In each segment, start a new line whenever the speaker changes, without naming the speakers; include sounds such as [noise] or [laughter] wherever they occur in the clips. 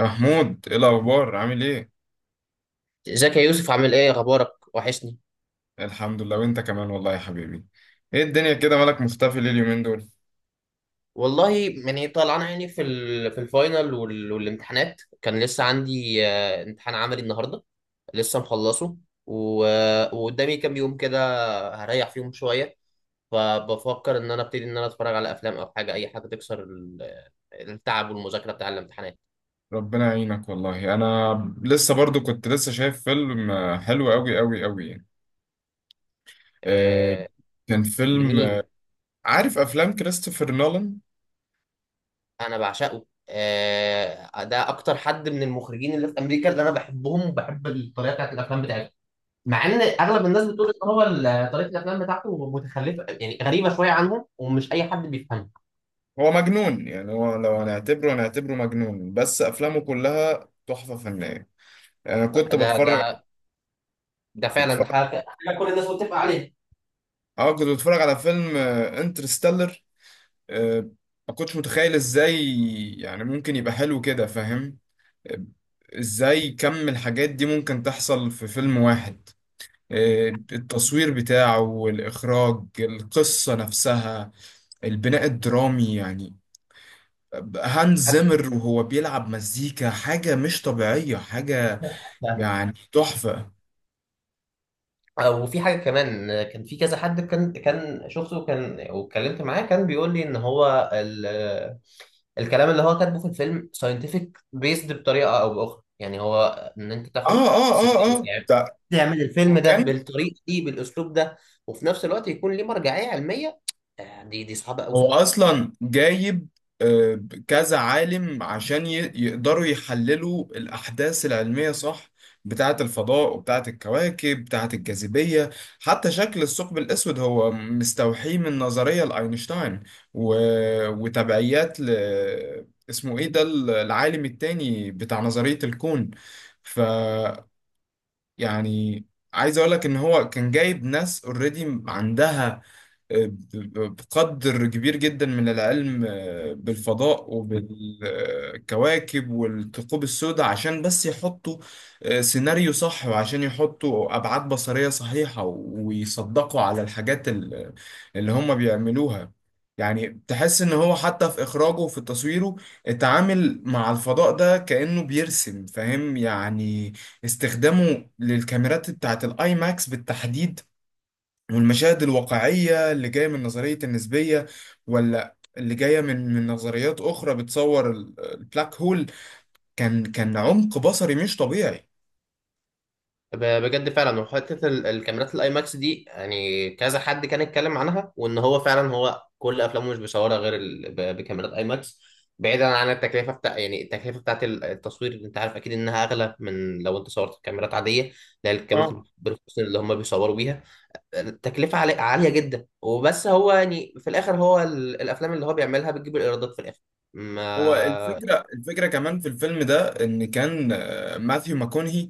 يا محمود، ايه الاخبار؟ عامل ايه؟
ازيك يا يوسف، عامل ايه؟ اخبارك؟ وحشني
الحمد لله، وانت كمان والله يا حبيبي. ايه الدنيا كده؟ مالك مختفي ليه اليومين دول؟
والله. يعني طالعان عيني في الفاينل والامتحانات. كان لسه عندي امتحان عملي النهارده، لسه مخلصه وقدامي كام يوم كده، هريح فيهم شويه. فبفكر ان انا ابتدي ان انا اتفرج على افلام او حاجه، اي حاجه تكسر التعب والمذاكره بتاع الامتحانات.
ربنا يعينك والله. انا لسه برضو كنت لسه شايف فيلم حلو قوي قوي قوي يعني. آه،
آه.
كان فيلم.
لمين؟
عارف افلام كريستوفر نولان؟
انا بعشقه. ده اكتر حد من المخرجين اللي في امريكا اللي انا بحبهم، وبحب الطريقه بتاعت الافلام بتاعتهم، مع ان اغلب الناس بتقول ان هو طريقه الافلام بتاعته متخلفه، يعني غريبه شويه عنهم ومش اي حد بيفهمها.
هو مجنون يعني، هو لو هنعتبره مجنون، بس افلامه كلها تحفة فنية. انا
ده ده ده
كنت
فعلا، ده
بتفرج
حاجة كل الناس متفقه عليها.
اه كنت بتفرج على فيلم انترستيلر. آه، ما كنتش متخيل ازاي يعني ممكن يبقى حلو كده، فاهم؟ آه، ازاي كم الحاجات دي ممكن تحصل في فيلم واحد؟ التصوير بتاعه والإخراج، القصة نفسها، البناء الدرامي يعني. هانز زيمر وهو بيلعب مزيكا، حاجة مش طبيعية، حاجة
حتى.
يعني تحفة.
وفي حاجة كمان، كان في كذا حد، كان شفته، كان واتكلمت معاه، كان بيقول لي ان هو الكلام اللي هو كاتبه في الفيلم ساينتفك بيسد بطريقة او باخرى، يعني هو ان انت
اه،
تاخد
اه، اه،
سيناريو،
اه،
يعني
ده.
تعمل الفيلم ده
وكان،
بالطريقة دي بالاسلوب ده، وفي نفس الوقت يكون ليه مرجعية علمية. دي صعبة
هو
قوي.
اصلا جايب آه، كذا عالم عشان يقدروا يحللوا الاحداث العلميه، صح، بتاعه الفضاء وبتاعه الكواكب بتاعه الجاذبيه. حتى شكل الثقب الاسود هو مستوحي من نظريه لاينشتاين، و... وتبعيات اسمه ايه ده، العالم التاني بتاع نظريه الكون. ف يعني عايز اقول لك ان هو كان جايب ناس اوريدي عندها بقدر كبير جدا من العلم، بالفضاء وبالكواكب والثقوب السوداء، عشان بس يحطوا سيناريو صح، وعشان يحطوا أبعاد بصرية صحيحة ويصدقوا على الحاجات اللي هم بيعملوها. يعني تحس إن هو، حتى في إخراجه وفي تصويره، اتعامل مع الفضاء ده كأنه بيرسم، فاهم يعني. استخدامه للكاميرات بتاعت الآي ماكس بالتحديد والمشاهد الواقعية اللي جاية من نظرية النسبية، ولا اللي جاية من نظريات أخرى بتصور البلاك هول، كان عمق بصري مش طبيعي.
بجد فعلا. وحته الكاميرات الاي ماكس دي يعني كذا حد كان يتكلم عنها، وان هو فعلا هو كل افلامه مش بيصورها غير بكاميرات اي ماكس. بعيدا عن التكلفه يعني التكلفه بتاعت التصوير، انت عارف اكيد انها اغلى من لو انت صورت بكاميرات عاديه، لا الكاميرات
اه،
البروفيشنال اللي هم بيصوروا بيها. التكلفه عاليه جدا، وبس هو يعني في الاخر هو الافلام اللي هو بيعملها بتجيب الايرادات في الاخر.
هو
ما
الفكرة كمان في الفيلم ده، إن كان ماثيو ماكونهي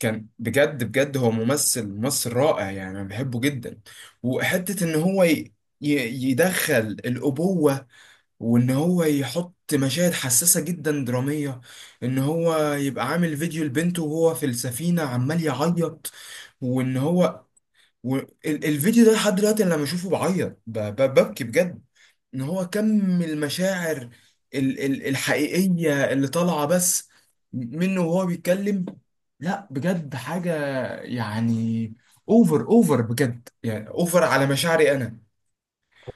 كان بجد بجد، هو ممثل رائع يعني، أنا بحبه جدا. وحتة إن هو يدخل الأبوة، وان هو يحط مشاهد حساسة جدا درامية، ان هو يبقى عامل فيديو لبنته وهو في السفينة عمال يعيط. وان هو، الفيديو ده لحد دلوقتي أنا لما اشوفه بعيط، ببكي بجد. ان هو كم المشاعر الحقيقية اللي طالعة بس منه وهو بيتكلم. لا بجد، حاجة يعني، اوفر اوفر بجد، يعني اوفر على مشاعري انا.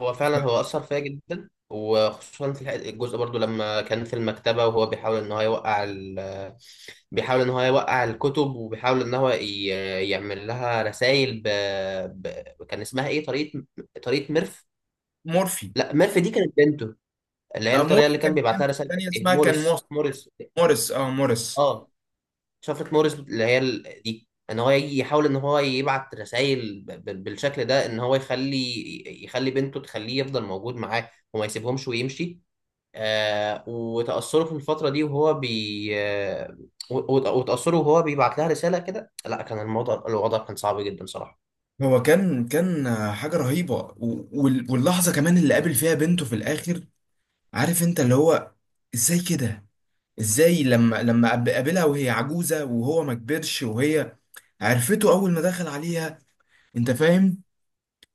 هو فعلا هو أثر فيا جدا، وخصوصا في الجزء برضو لما كان في المكتبة، وهو بيحاول إن هو يوقع ال... بيحاول إن هو يوقع الكتب، وبيحاول إن هو يعمل لها رسائل ب... كان اسمها إيه؟ طريقة ميرف.
مورفي.
لا، ميرف دي كانت بنته، اللي هي الطريقة اللي
مورفي
كان
كانت
بيبعت لها
بنته
رسائل كانت
التانية،
إيه؟
اسمها كان
موريس.
موريس، اه، موريس.
آه شفرة موريس، اللي هي دي ان هو يجي يحاول ان هو يبعت رسائل بالشكل ده، ان هو يخلي بنته تخليه يفضل موجود معاه وما يسيبهمش ويمشي. وتأثره في الفترة دي وهو بي آه وتأثره وهو بيبعت لها رسالة كده. لا، كان الوضع كان صعب جدا صراحة.
هو كان حاجة رهيبة، واللحظة كمان اللي قابل فيها بنته في الآخر. عارف انت اللي هو، ازاي كده؟ ازاي لما قابلها وهي عجوزة وهو ما كبرش، وهي عرفته أول ما دخل عليها، انت فاهم؟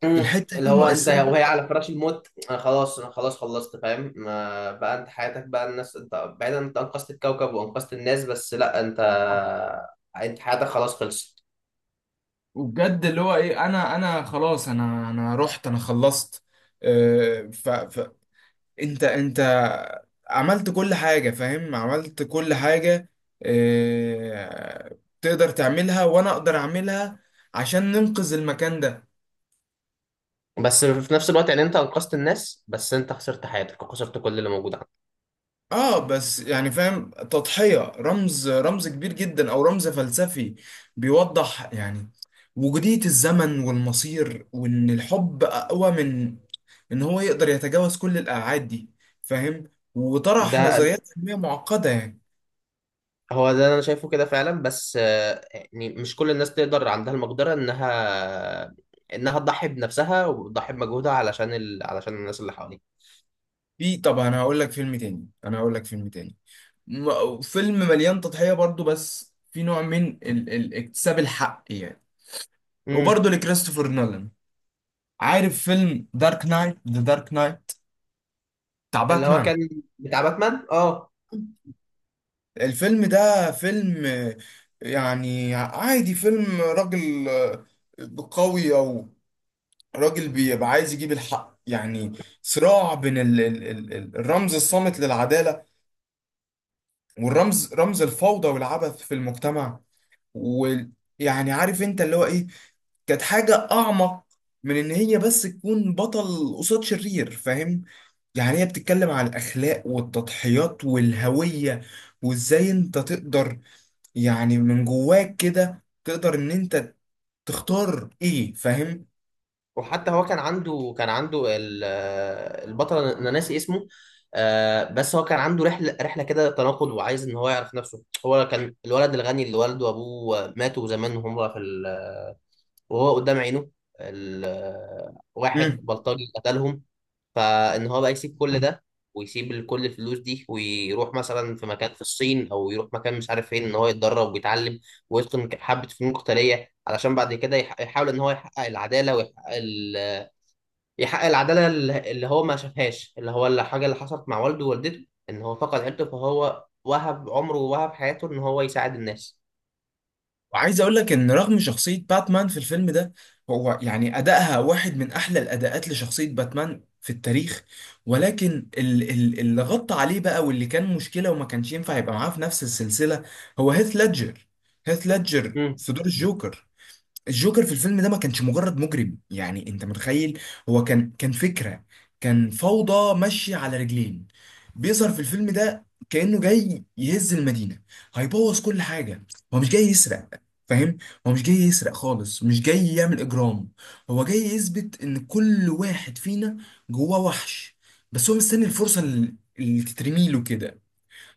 الحتة
اللي
دي
هو انت
مؤثرة جدا.
وهي على فراش الموت، انا خلاص خلصت فاهم، ما بقى انت حياتك بقى الناس، انت بعيدا، انت انقذت الكوكب وانقذت الناس. بس لا، انت انت حياتك خلاص خلصت.
وبجد اللي هو ايه، انا خلاص، انا رحت، انا خلصت. انت عملت كل حاجة، فاهم؟ عملت كل حاجة. اه، تقدر تعملها وانا اقدر اعملها عشان ننقذ المكان ده.
بس في نفس الوقت يعني انت انقذت الناس بس انت خسرت حياتك وخسرت كل اللي موجود عندك.
اه، بس يعني فاهم، تضحية، رمز كبير جدا او رمز فلسفي بيوضح يعني وجودية الزمن والمصير، وان الحب اقوى من ان هو يقدر يتجاوز كل الابعاد دي، فاهم؟ وطرح
ده
نظريات علمية معقدة يعني.
هو ده اللي انا شايفه كده فعلا، بس يعني مش كل الناس تقدر، عندها المقدرة انها تضحي بنفسها وتضحي بمجهودها علشان علشان الناس اللي حواليها.
في طبعا هقول لك فيلم تاني، انا هقول لك فيلم تاني، فيلم مليان تضحية برضو، بس في نوع من اكتساب الحق يعني،
امم
وبرضو لكريستوفر نولان. عارف فيلم دارك نايت، ذا دارك نايت، بتاع
اللي هو
باتمان؟
كان بتاع باتمان، اه.
الفيلم ده فيلم، يعني عادي، فيلم راجل قوي، او راجل بيبقى عايز يجيب الحق يعني. صراع بين ال ال ال الرمز الصامت للعدالة، والرمز، رمز الفوضى والعبث في المجتمع. ويعني عارف انت اللي هو ايه، كانت حاجة أعمق من إن هي بس تكون بطل قصاد شرير، فاهم؟ يعني هي بتتكلم على الأخلاق والتضحيات والهوية، وإزاي أنت تقدر، يعني من جواك كده، تقدر إن أنت تختار إيه، فاهم؟
وحتى هو كان عنده البطل، انا ناسي اسمه. بس هو كان عنده رحله كده تناقض، وعايز ان هو يعرف نفسه. هو كان الولد الغني اللي والده وابوه ماتوا زمان وهم في ال... آه، وهو قدام عينه ال... آه، واحد بلطجي قتلهم. فان هو بقى يسيب كل ده، ويسيب كل الفلوس دي، ويروح مثلا في مكان في الصين او يروح مكان مش عارف فين، ان هو يتدرب ويتعلم ويتقن حبه فنون قتاليه، علشان بعد كده يحاول ان هو يحقق العداله، ويحقق يحقق العداله اللي هو ما شافهاش، اللي هو الحاجه اللي حصلت مع والده ووالدته، ان هو فقد عيلته، فهو وهب عمره ووهب حياته ان هو يساعد الناس.
وعايز اقول لك ان رغم شخصية باتمان في الفيلم ده، هو يعني ادائها واحد من احلى الاداءات لشخصية باتمان في التاريخ، ولكن اللي غطى عليه بقى، واللي كان مشكلة وما كانش ينفع يبقى معاه في نفس السلسلة، هو هيث ليدجر. هيث ليدجر
امم
في دور الجوكر. الجوكر في الفيلم ده ما كانش مجرد مجرم، يعني انت متخيل، هو كان فكرة، كان فوضى ماشية على رجلين. بيظهر في الفيلم ده كأنه جاي يهز المدينة، هيبوظ كل حاجة. هو مش جاي يسرق، فاهم؟ هو مش جاي يسرق خالص، مش جاي يعمل إجرام. هو جاي يثبت إن كل واحد فينا جواه وحش، بس هو مستني الفرصة اللي تترميله كده.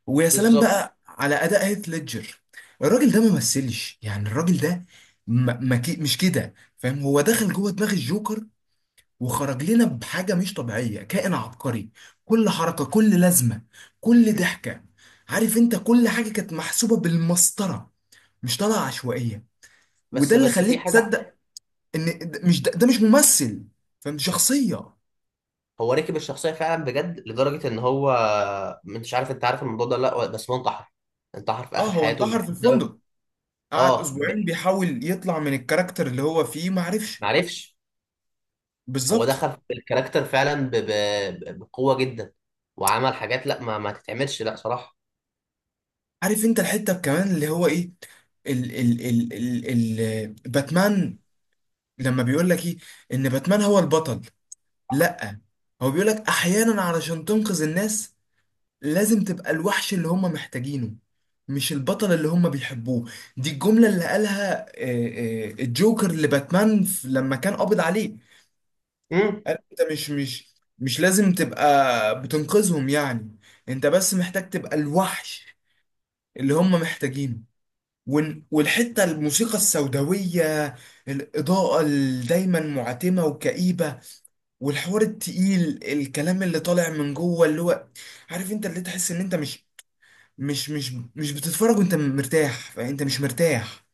ويا سلام
بالظبط.
بقى على اداء هيث ليدجر. الراجل ده ما مثلش يعني، الراجل ده ما ما كي مش كده، فاهم؟ هو دخل جوه دماغ الجوكر وخرج لنا بحاجه مش طبيعيه، كائن عبقري. كل حركه، كل لازمه، كل ضحكه، عارف انت، كل حاجه كانت محسوبه بالمسطره، مش طالعه عشوائيه.
بس
وده اللي
بس في
خليك
حاجه.
تصدق ان ده مش ممثل، فاهم؟ دي شخصيه.
هو ركب الشخصيه فعلا بجد لدرجه ان هو، مش عارف انت عارف الموضوع ده ولا لا، بس هو انتحر في
اه،
اخر
هو
حياته
انتحر في
بسبب...
الفندق، قعد
اه،
اسبوعين بيحاول يطلع من الكاركتر اللي هو فيه، ما عرفش.
معرفش. هو
بالظبط.
دخل في الكاركتر فعلا بقوه جدا، وعمل حاجات، لا، ما تتعملش، لا صراحه.
عارف انت الحته كمان اللي هو ايه، ال ال ال ال ال باتمان، لما بيقول لك ايه ان باتمان هو البطل؟ لا. هو بيقول لك احيانا، علشان تنقذ الناس لازم تبقى الوحش اللي هم محتاجينه، مش البطل اللي هم بيحبوه. دي الجملة اللي قالها الجوكر لباتمان لما كان قابض عليه.
امم
قال انت مش لازم تبقى بتنقذهم يعني، انت بس محتاج تبقى الوحش اللي هم محتاجينه. والحتة، الموسيقى السوداوية، الإضاءة اللي دايما معتمة وكئيبة، والحوار التقيل، الكلام اللي طالع من جوه، اللي هو عارف انت، اللي تحس ان انت مش، مش بتتفرج وانت مرتاح، فانت مش مرتاح.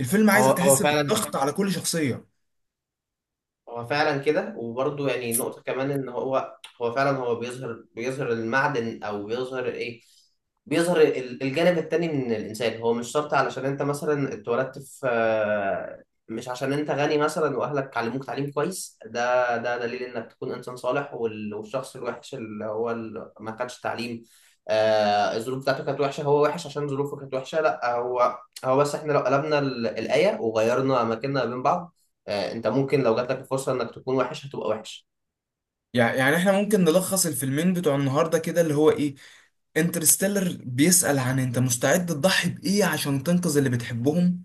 الفيلم
هو
عايزك
هو
تحس
فعلا،
بالضغط على كل شخصية.
هو فعلا كده. وبرضه يعني نقطة كمان إن هو هو فعلا، هو بيظهر المعدن، أو بيظهر إيه؟ بيظهر الجانب التاني من الإنسان. هو مش شرط علشان أنت مثلا اتولدت في مش عشان أنت غني مثلا وأهلك علموك تعليم كويس ده دليل إنك تكون إنسان صالح، والشخص الوحش اللي هو ما خدش تعليم، الظروف بتاعته كانت وحشة، هو وحش عشان ظروفه كانت وحشة. لا، هو بس إحنا لو قلبنا الآية وغيرنا أماكننا بين بعض، انت ممكن لو جات لك الفرصه انك تكون وحش هتبقى وحش.
يعني احنا ممكن نلخص الفيلمين بتوع النهاردة كده، اللي هو ايه، انترستيلر بيسأل، عن انت مستعد تضحي بإيه عشان تنقذ اللي بتحبهم؟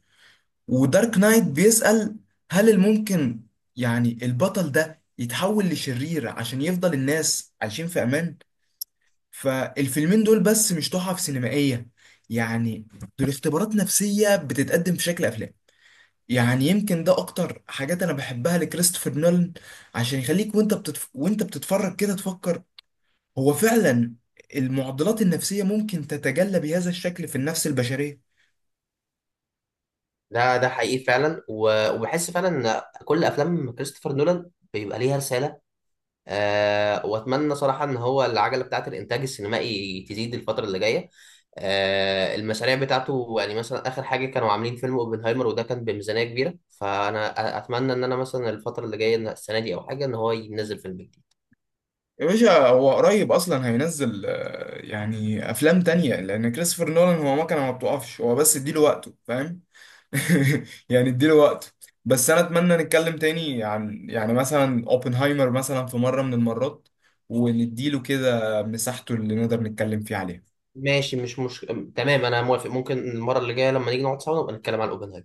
ودارك نايت بيسأل، هل الممكن يعني البطل ده يتحول لشرير عشان يفضل الناس عايشين في أمان؟ فالفيلمين دول بس مش تحف سينمائية يعني، دول اختبارات نفسية بتتقدم في شكل أفلام. يعني يمكن ده أكتر حاجات أنا بحبها لكريستوفر نولان، عشان يخليك وأنت بتتفرج كده تفكر، هو فعلا المعضلات النفسية ممكن تتجلى بهذا الشكل في النفس البشرية.
ده حقيقي فعلا، وبحس فعلا ان كل افلام كريستوفر نولان بيبقى ليها رساله. أه، واتمنى صراحه ان هو العجله بتاعه الانتاج السينمائي تزيد الفتره اللي جايه. المشاريع بتاعته يعني مثلا اخر حاجه كانوا عاملين فيلم اوبنهايمر وده كان بميزانيه كبيره، فانا اتمنى ان انا مثلا الفتره اللي جايه، إن السنه دي او حاجه ان هو ينزل فيلم جديد.
يا باشا، هو قريب اصلا هينزل يعني افلام تانية، لان كريستوفر نولان هو مكنه ما بتقفش، هو بس اديله وقته، فاهم؟ [laughs] يعني اديله وقته. بس انا اتمنى نتكلم تاني عن، يعني مثلا، اوبنهايمر مثلا في مره من المرات، ونديله كده مساحته اللي نقدر نتكلم فيه عليها.
ماشي، مش تمام، انا موافق. ممكن المره اللي جايه لما نيجي نقعد سوا نبقى نتكلم عن اوبنهايمر.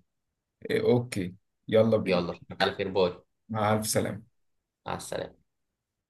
إيه، اوكي. يلا بينا.
يلا على خير، باي.
مع الف سلامه.
مع السلامة.